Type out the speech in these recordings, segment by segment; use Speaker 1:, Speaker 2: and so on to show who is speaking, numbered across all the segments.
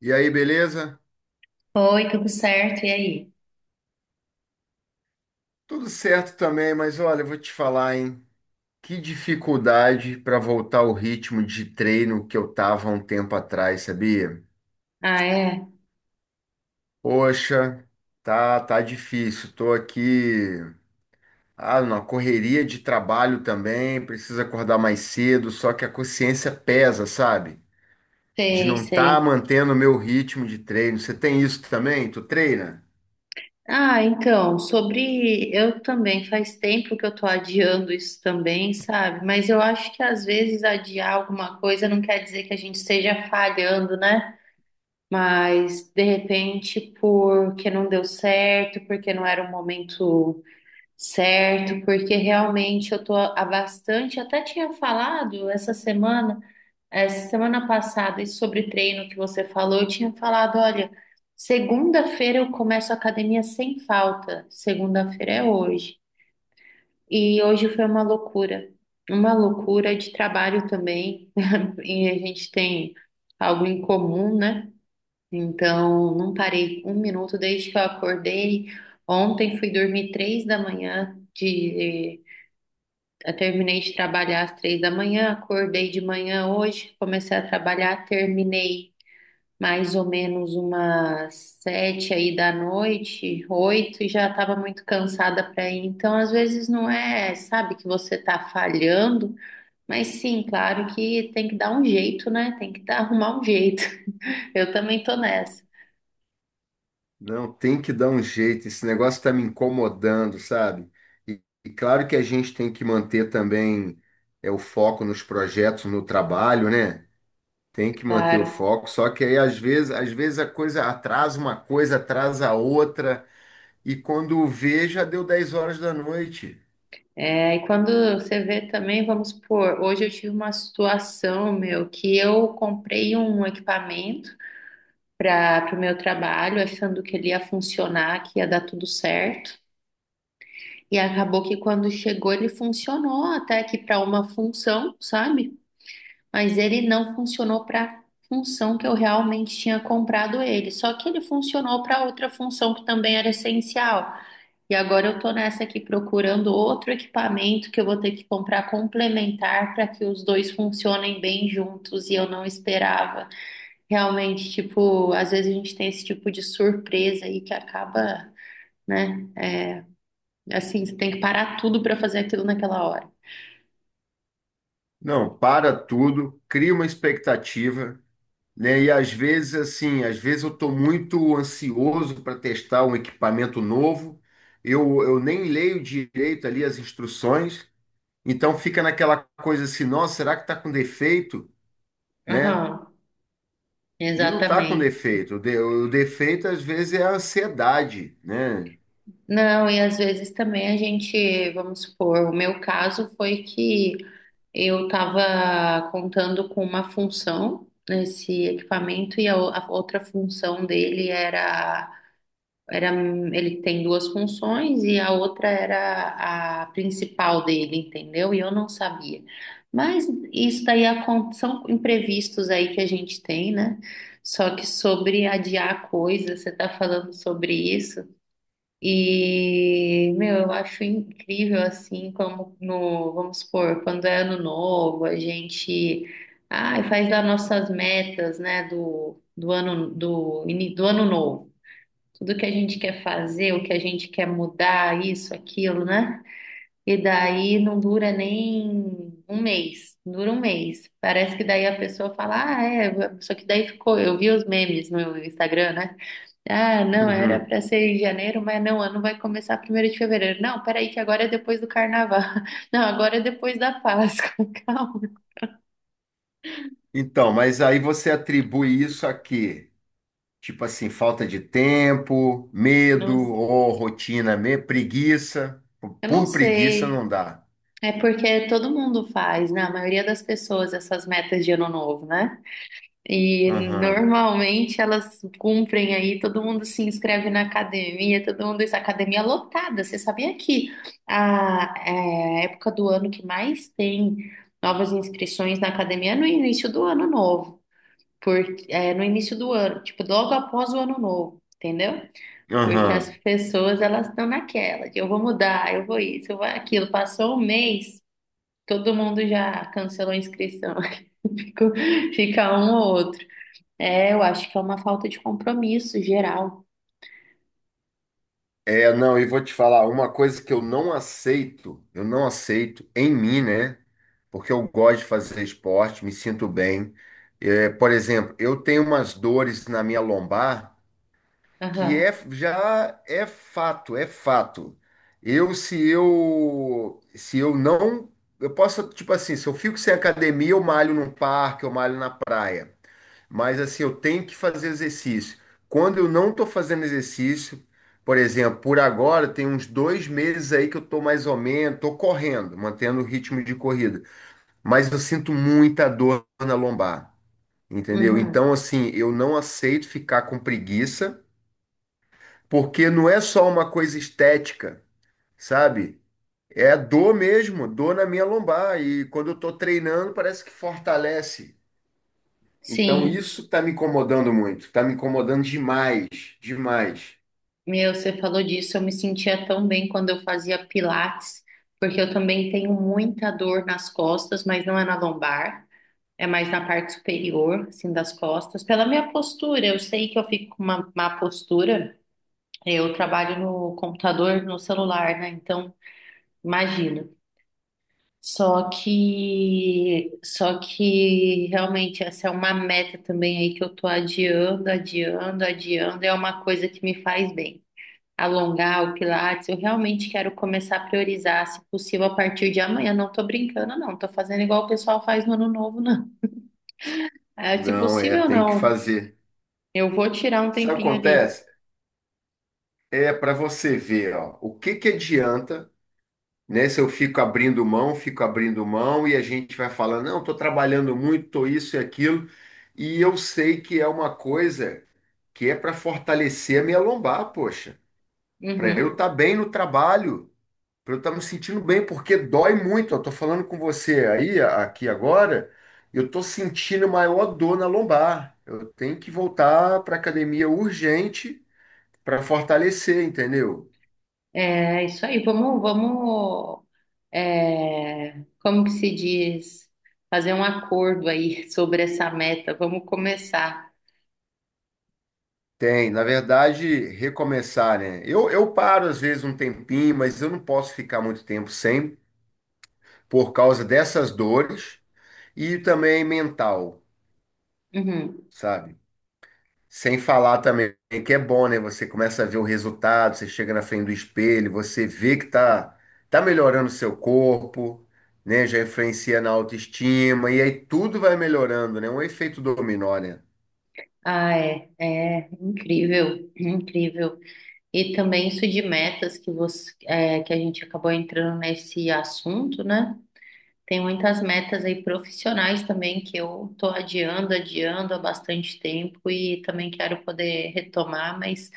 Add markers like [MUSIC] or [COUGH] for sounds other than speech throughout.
Speaker 1: E aí, beleza?
Speaker 2: Oi, tudo certo? E aí?
Speaker 1: Tudo certo também, mas olha, eu vou te falar, hein? Que dificuldade para voltar ao ritmo de treino que eu tava há um tempo atrás, sabia?
Speaker 2: Ah, é?
Speaker 1: Poxa, tá difícil. Tô aqui, numa correria de trabalho também, preciso acordar mais cedo, só que a consciência pesa, sabe? De
Speaker 2: Sei,
Speaker 1: não estar tá
Speaker 2: sei.
Speaker 1: mantendo o meu ritmo de treino. Você tem isso também? Tu treina?
Speaker 2: Ah, então, sobre. Eu também, faz tempo que eu tô adiando isso também, sabe? Mas eu acho que às vezes adiar alguma coisa não quer dizer que a gente esteja falhando, né? Mas de repente, porque não deu certo, porque não era o momento certo, porque realmente eu tô há bastante. Até tinha falado essa semana. É, semana passada, e sobre treino que você falou, eu tinha falado, olha, segunda-feira eu começo a academia sem falta. Segunda-feira é hoje. E hoje foi uma loucura. Uma loucura de trabalho também. [LAUGHS] E a gente tem algo em comum, né? Então, não parei um minuto desde que eu acordei. Ontem fui dormir três da manhã de eu terminei de trabalhar às três da manhã, acordei de manhã hoje, comecei a trabalhar, terminei mais ou menos umas sete aí da noite, oito, e já estava muito cansada para ir. Então, às vezes não é, sabe, que você está falhando, mas sim, claro que tem que dar um jeito, né? Tem que dar, arrumar um jeito. [LAUGHS] Eu também tô nessa.
Speaker 1: Não, tem que dar um jeito. Esse negócio está me incomodando, sabe? E claro que a gente tem que manter também o foco nos projetos, no trabalho, né? Tem que manter o
Speaker 2: Claro.
Speaker 1: foco. Só que aí, às vezes a coisa atrasa uma coisa, atrasa a outra. E quando vê, já deu 10 horas da noite.
Speaker 2: É, e quando você vê também, vamos supor, hoje eu tive uma situação, meu, que eu comprei um equipamento para o meu trabalho, achando que ele ia funcionar, que ia dar tudo certo. E acabou que quando chegou ele funcionou até que para uma função, sabe? Mas ele não funcionou para função que eu realmente tinha comprado ele. Só que ele funcionou para outra função que também era essencial. E agora eu tô nessa aqui procurando outro equipamento que eu vou ter que comprar complementar para que os dois funcionem bem juntos e eu não esperava. Realmente, tipo, às vezes a gente tem esse tipo de surpresa aí que acaba, né? Assim, você tem que parar tudo para fazer aquilo naquela hora.
Speaker 1: Não, para tudo, cria uma expectativa, né? E às vezes, assim, às vezes eu estou muito ansioso para testar um equipamento novo, eu nem leio direito ali as instruções, então fica naquela coisa assim, nossa, será que está com defeito, né?
Speaker 2: Aham,
Speaker 1: E não está com
Speaker 2: exatamente.
Speaker 1: defeito, o defeito às vezes é a ansiedade, né?
Speaker 2: Não, e às vezes também a gente, vamos supor, o meu caso foi que eu estava contando com uma função nesse equipamento e a outra função dele era Era, ele tem duas funções e a outra era a principal dele, entendeu? E eu não sabia. Mas isso daí são imprevistos aí que a gente tem, né? Só que sobre adiar coisas, você tá falando sobre isso. E, meu, eu acho incrível assim como no, vamos supor, quando é ano novo, a gente ai, faz as nossas metas, né, do ano do ano novo tudo que a gente quer fazer, o que a gente quer mudar, isso, aquilo, né? E daí não dura nem um mês, dura um mês. Parece que daí a pessoa fala, ah, é, só que daí ficou, eu vi os memes no Instagram, né? Ah, não, era
Speaker 1: Uhum.
Speaker 2: para ser em janeiro, mas não, o ano vai começar primeiro de fevereiro. Não, peraí, que agora é depois do carnaval. [LAUGHS] Não, agora é depois da Páscoa. [LAUGHS] Calma.
Speaker 1: Então, mas aí você atribui isso a quê? Tipo assim, falta de tempo, medo
Speaker 2: Nossa,
Speaker 1: ou rotina, preguiça.
Speaker 2: eu não
Speaker 1: Por preguiça
Speaker 2: sei.
Speaker 1: não dá.
Speaker 2: É porque todo mundo faz, né? A maioria das pessoas, essas metas de ano novo, né? E normalmente elas cumprem aí, todo mundo se inscreve na academia, todo mundo. Isso, academia lotada. Você sabia que a é, época do ano que mais tem novas inscrições na academia é no início do ano novo, porque é no início do ano, tipo, logo após o ano novo, entendeu? Porque as
Speaker 1: Aham.
Speaker 2: pessoas elas estão naquela de eu vou mudar, eu vou isso, eu vou aquilo. Passou um mês, todo mundo já cancelou a inscrição. [LAUGHS] Ficou- fica um ou outro. É, eu acho que é uma falta de compromisso geral.
Speaker 1: É, não, e vou te falar, uma coisa que eu não aceito em mim, né? Porque eu gosto de fazer esporte, me sinto bem. É, por exemplo, eu tenho umas dores na minha lombar que é,
Speaker 2: Aham.
Speaker 1: já é fato, é fato. Eu, se eu, se eu não, eu posso, tipo assim, se eu fico sem academia, eu malho num parque, eu malho na praia. Mas assim, eu tenho que fazer exercício. Quando eu não estou fazendo exercício, por exemplo, por agora tem uns 2 meses aí que eu estou mais ou menos, estou correndo, mantendo o ritmo de corrida, mas eu sinto muita dor na lombar, entendeu?
Speaker 2: Uhum.
Speaker 1: Então, assim, eu não aceito ficar com preguiça, porque não é só uma coisa estética, sabe? É dor mesmo, dor na minha lombar. E quando eu estou treinando, parece que fortalece. Então
Speaker 2: Sim.
Speaker 1: isso está me incomodando muito, está me incomodando demais, demais.
Speaker 2: Meu, você falou disso, eu me sentia tão bem quando eu fazia pilates, porque eu também tenho muita dor nas costas, mas não é na lombar, é mais na parte superior, assim, das costas. Pela minha postura, eu sei que eu fico com uma má postura, eu trabalho no computador, no celular, né? Então, imagino. Só que realmente essa é uma meta também aí que eu tô adiando, adiando, adiando. É uma coisa que me faz bem. Alongar o Pilates, eu realmente quero começar a priorizar, se possível, a partir de amanhã. Não tô brincando, não. Tô fazendo igual o pessoal faz no ano novo, não. [LAUGHS] É, se
Speaker 1: Não é,
Speaker 2: possível,
Speaker 1: tem que
Speaker 2: não.
Speaker 1: fazer.
Speaker 2: Eu vou tirar um
Speaker 1: Sabe o que
Speaker 2: tempinho ali.
Speaker 1: acontece? É para você ver, ó, o que que adianta, né? Se eu fico abrindo mão e a gente vai falando, não, estou trabalhando muito, estou isso e aquilo, e eu sei que é uma coisa que é para fortalecer a minha lombar, poxa, para eu
Speaker 2: Uhum.
Speaker 1: estar bem no trabalho. Pra eu estar me sentindo bem, porque dói muito. Eu tô falando com você aí, aqui agora, eu tô sentindo maior dor na lombar. Eu tenho que voltar para academia urgente para fortalecer, entendeu?
Speaker 2: É isso aí. Vamos, vamos. É, como que se diz? Fazer um acordo aí [LAUGHS] sobre essa meta. Vamos começar.
Speaker 1: Tem, na verdade, recomeçar, né? Eu paro às vezes um tempinho, mas eu não posso ficar muito tempo sem, por causa dessas dores e também mental,
Speaker 2: Uhum.
Speaker 1: sabe? Sem falar também que é bom, né? Você começa a ver o resultado, você chega na frente do espelho, você vê que tá melhorando o seu corpo, né? Já influencia na autoestima, e aí tudo vai melhorando, né? Um efeito dominó, né?
Speaker 2: Ah, é, é incrível, incrível. E também isso de metas que você, é, que a gente acabou entrando nesse assunto, né? Tem muitas metas aí profissionais também que eu tô adiando, adiando há bastante tempo e também quero poder retomar, mas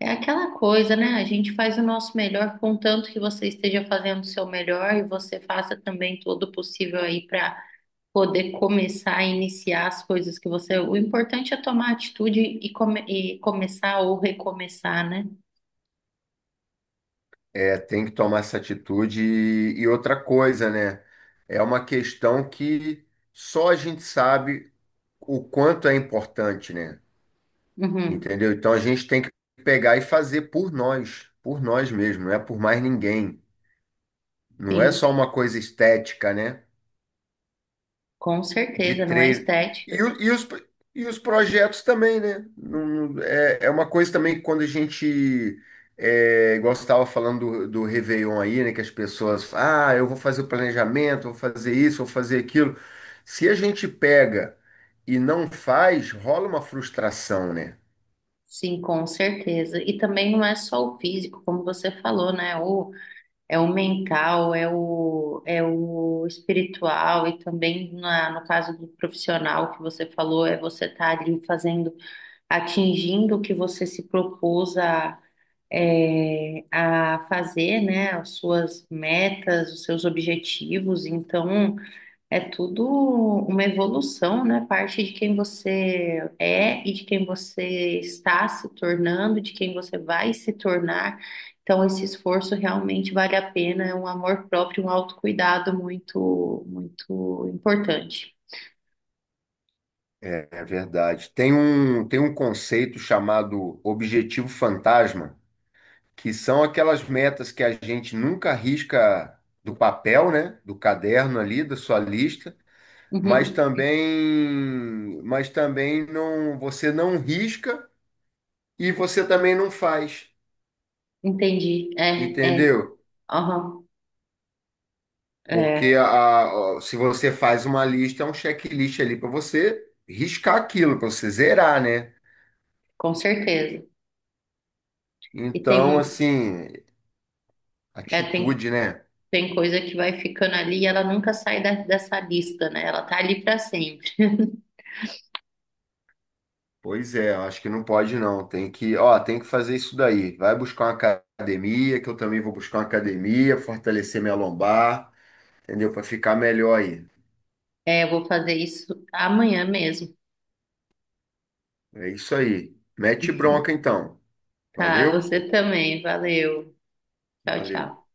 Speaker 2: É aquela coisa, né? A gente faz o nosso melhor, contanto que você esteja fazendo o seu melhor e você faça também todo o possível aí para poder começar a iniciar as coisas que você. O importante é tomar atitude e, e começar ou recomeçar, né?
Speaker 1: É, tem que tomar essa atitude. E outra coisa, né? É uma questão que só a gente sabe o quanto é importante, né?
Speaker 2: Uhum.
Speaker 1: Entendeu? Então a gente tem que pegar e fazer por nós mesmos, não é por mais ninguém. Não é só
Speaker 2: Sim,
Speaker 1: uma coisa estética, né?
Speaker 2: com
Speaker 1: De
Speaker 2: certeza, não é
Speaker 1: treino. E,
Speaker 2: estética.
Speaker 1: o- e os, e os projetos também, né? É, é uma coisa também que quando a gente. É, igual você estava falando do Réveillon aí, né? Que as pessoas. Ah, eu vou fazer o planejamento, vou fazer isso, vou fazer aquilo. Se a gente pega e não faz, rola uma frustração, né?
Speaker 2: Sim, com certeza. E também não é só o físico, como você falou, né? O É o mental, é o espiritual e também no caso do profissional que você falou, é você estar ali fazendo, atingindo o que você se propôs a, é, a fazer, né? As suas metas, os seus objetivos. Então, é tudo uma evolução, né? Parte de quem você é e de quem você está se tornando, de quem você vai se tornar. Então, esse esforço realmente vale a pena. É um amor próprio, um autocuidado muito, muito importante.
Speaker 1: É, é verdade. Tem um conceito chamado objetivo fantasma que são aquelas metas que a gente nunca risca do papel, né? Do caderno ali, da sua lista,
Speaker 2: Uhum,
Speaker 1: mas também não, você não risca e você também não faz,
Speaker 2: entendi. É, é.
Speaker 1: entendeu?
Speaker 2: Aham, é,
Speaker 1: Porque se você faz uma lista, é um checklist ali para você riscar aquilo, para você zerar, né?
Speaker 2: com certeza. E tem,
Speaker 1: Então, assim,
Speaker 2: é, tem,
Speaker 1: atitude, né?
Speaker 2: tem coisa que vai ficando ali e ela nunca dessa lista, né? Ela tá ali para sempre.
Speaker 1: Pois é, eu acho que não pode não. Tem que, ó, tem que fazer isso daí. Vai buscar uma academia, que eu também vou buscar uma academia, fortalecer minha lombar, entendeu? Para ficar melhor aí.
Speaker 2: É, eu vou fazer isso amanhã mesmo.
Speaker 1: É isso aí. Mete bronca então.
Speaker 2: Tá,
Speaker 1: Valeu?
Speaker 2: você também. Valeu. Tchau,
Speaker 1: Valeu. Tchau.
Speaker 2: tchau.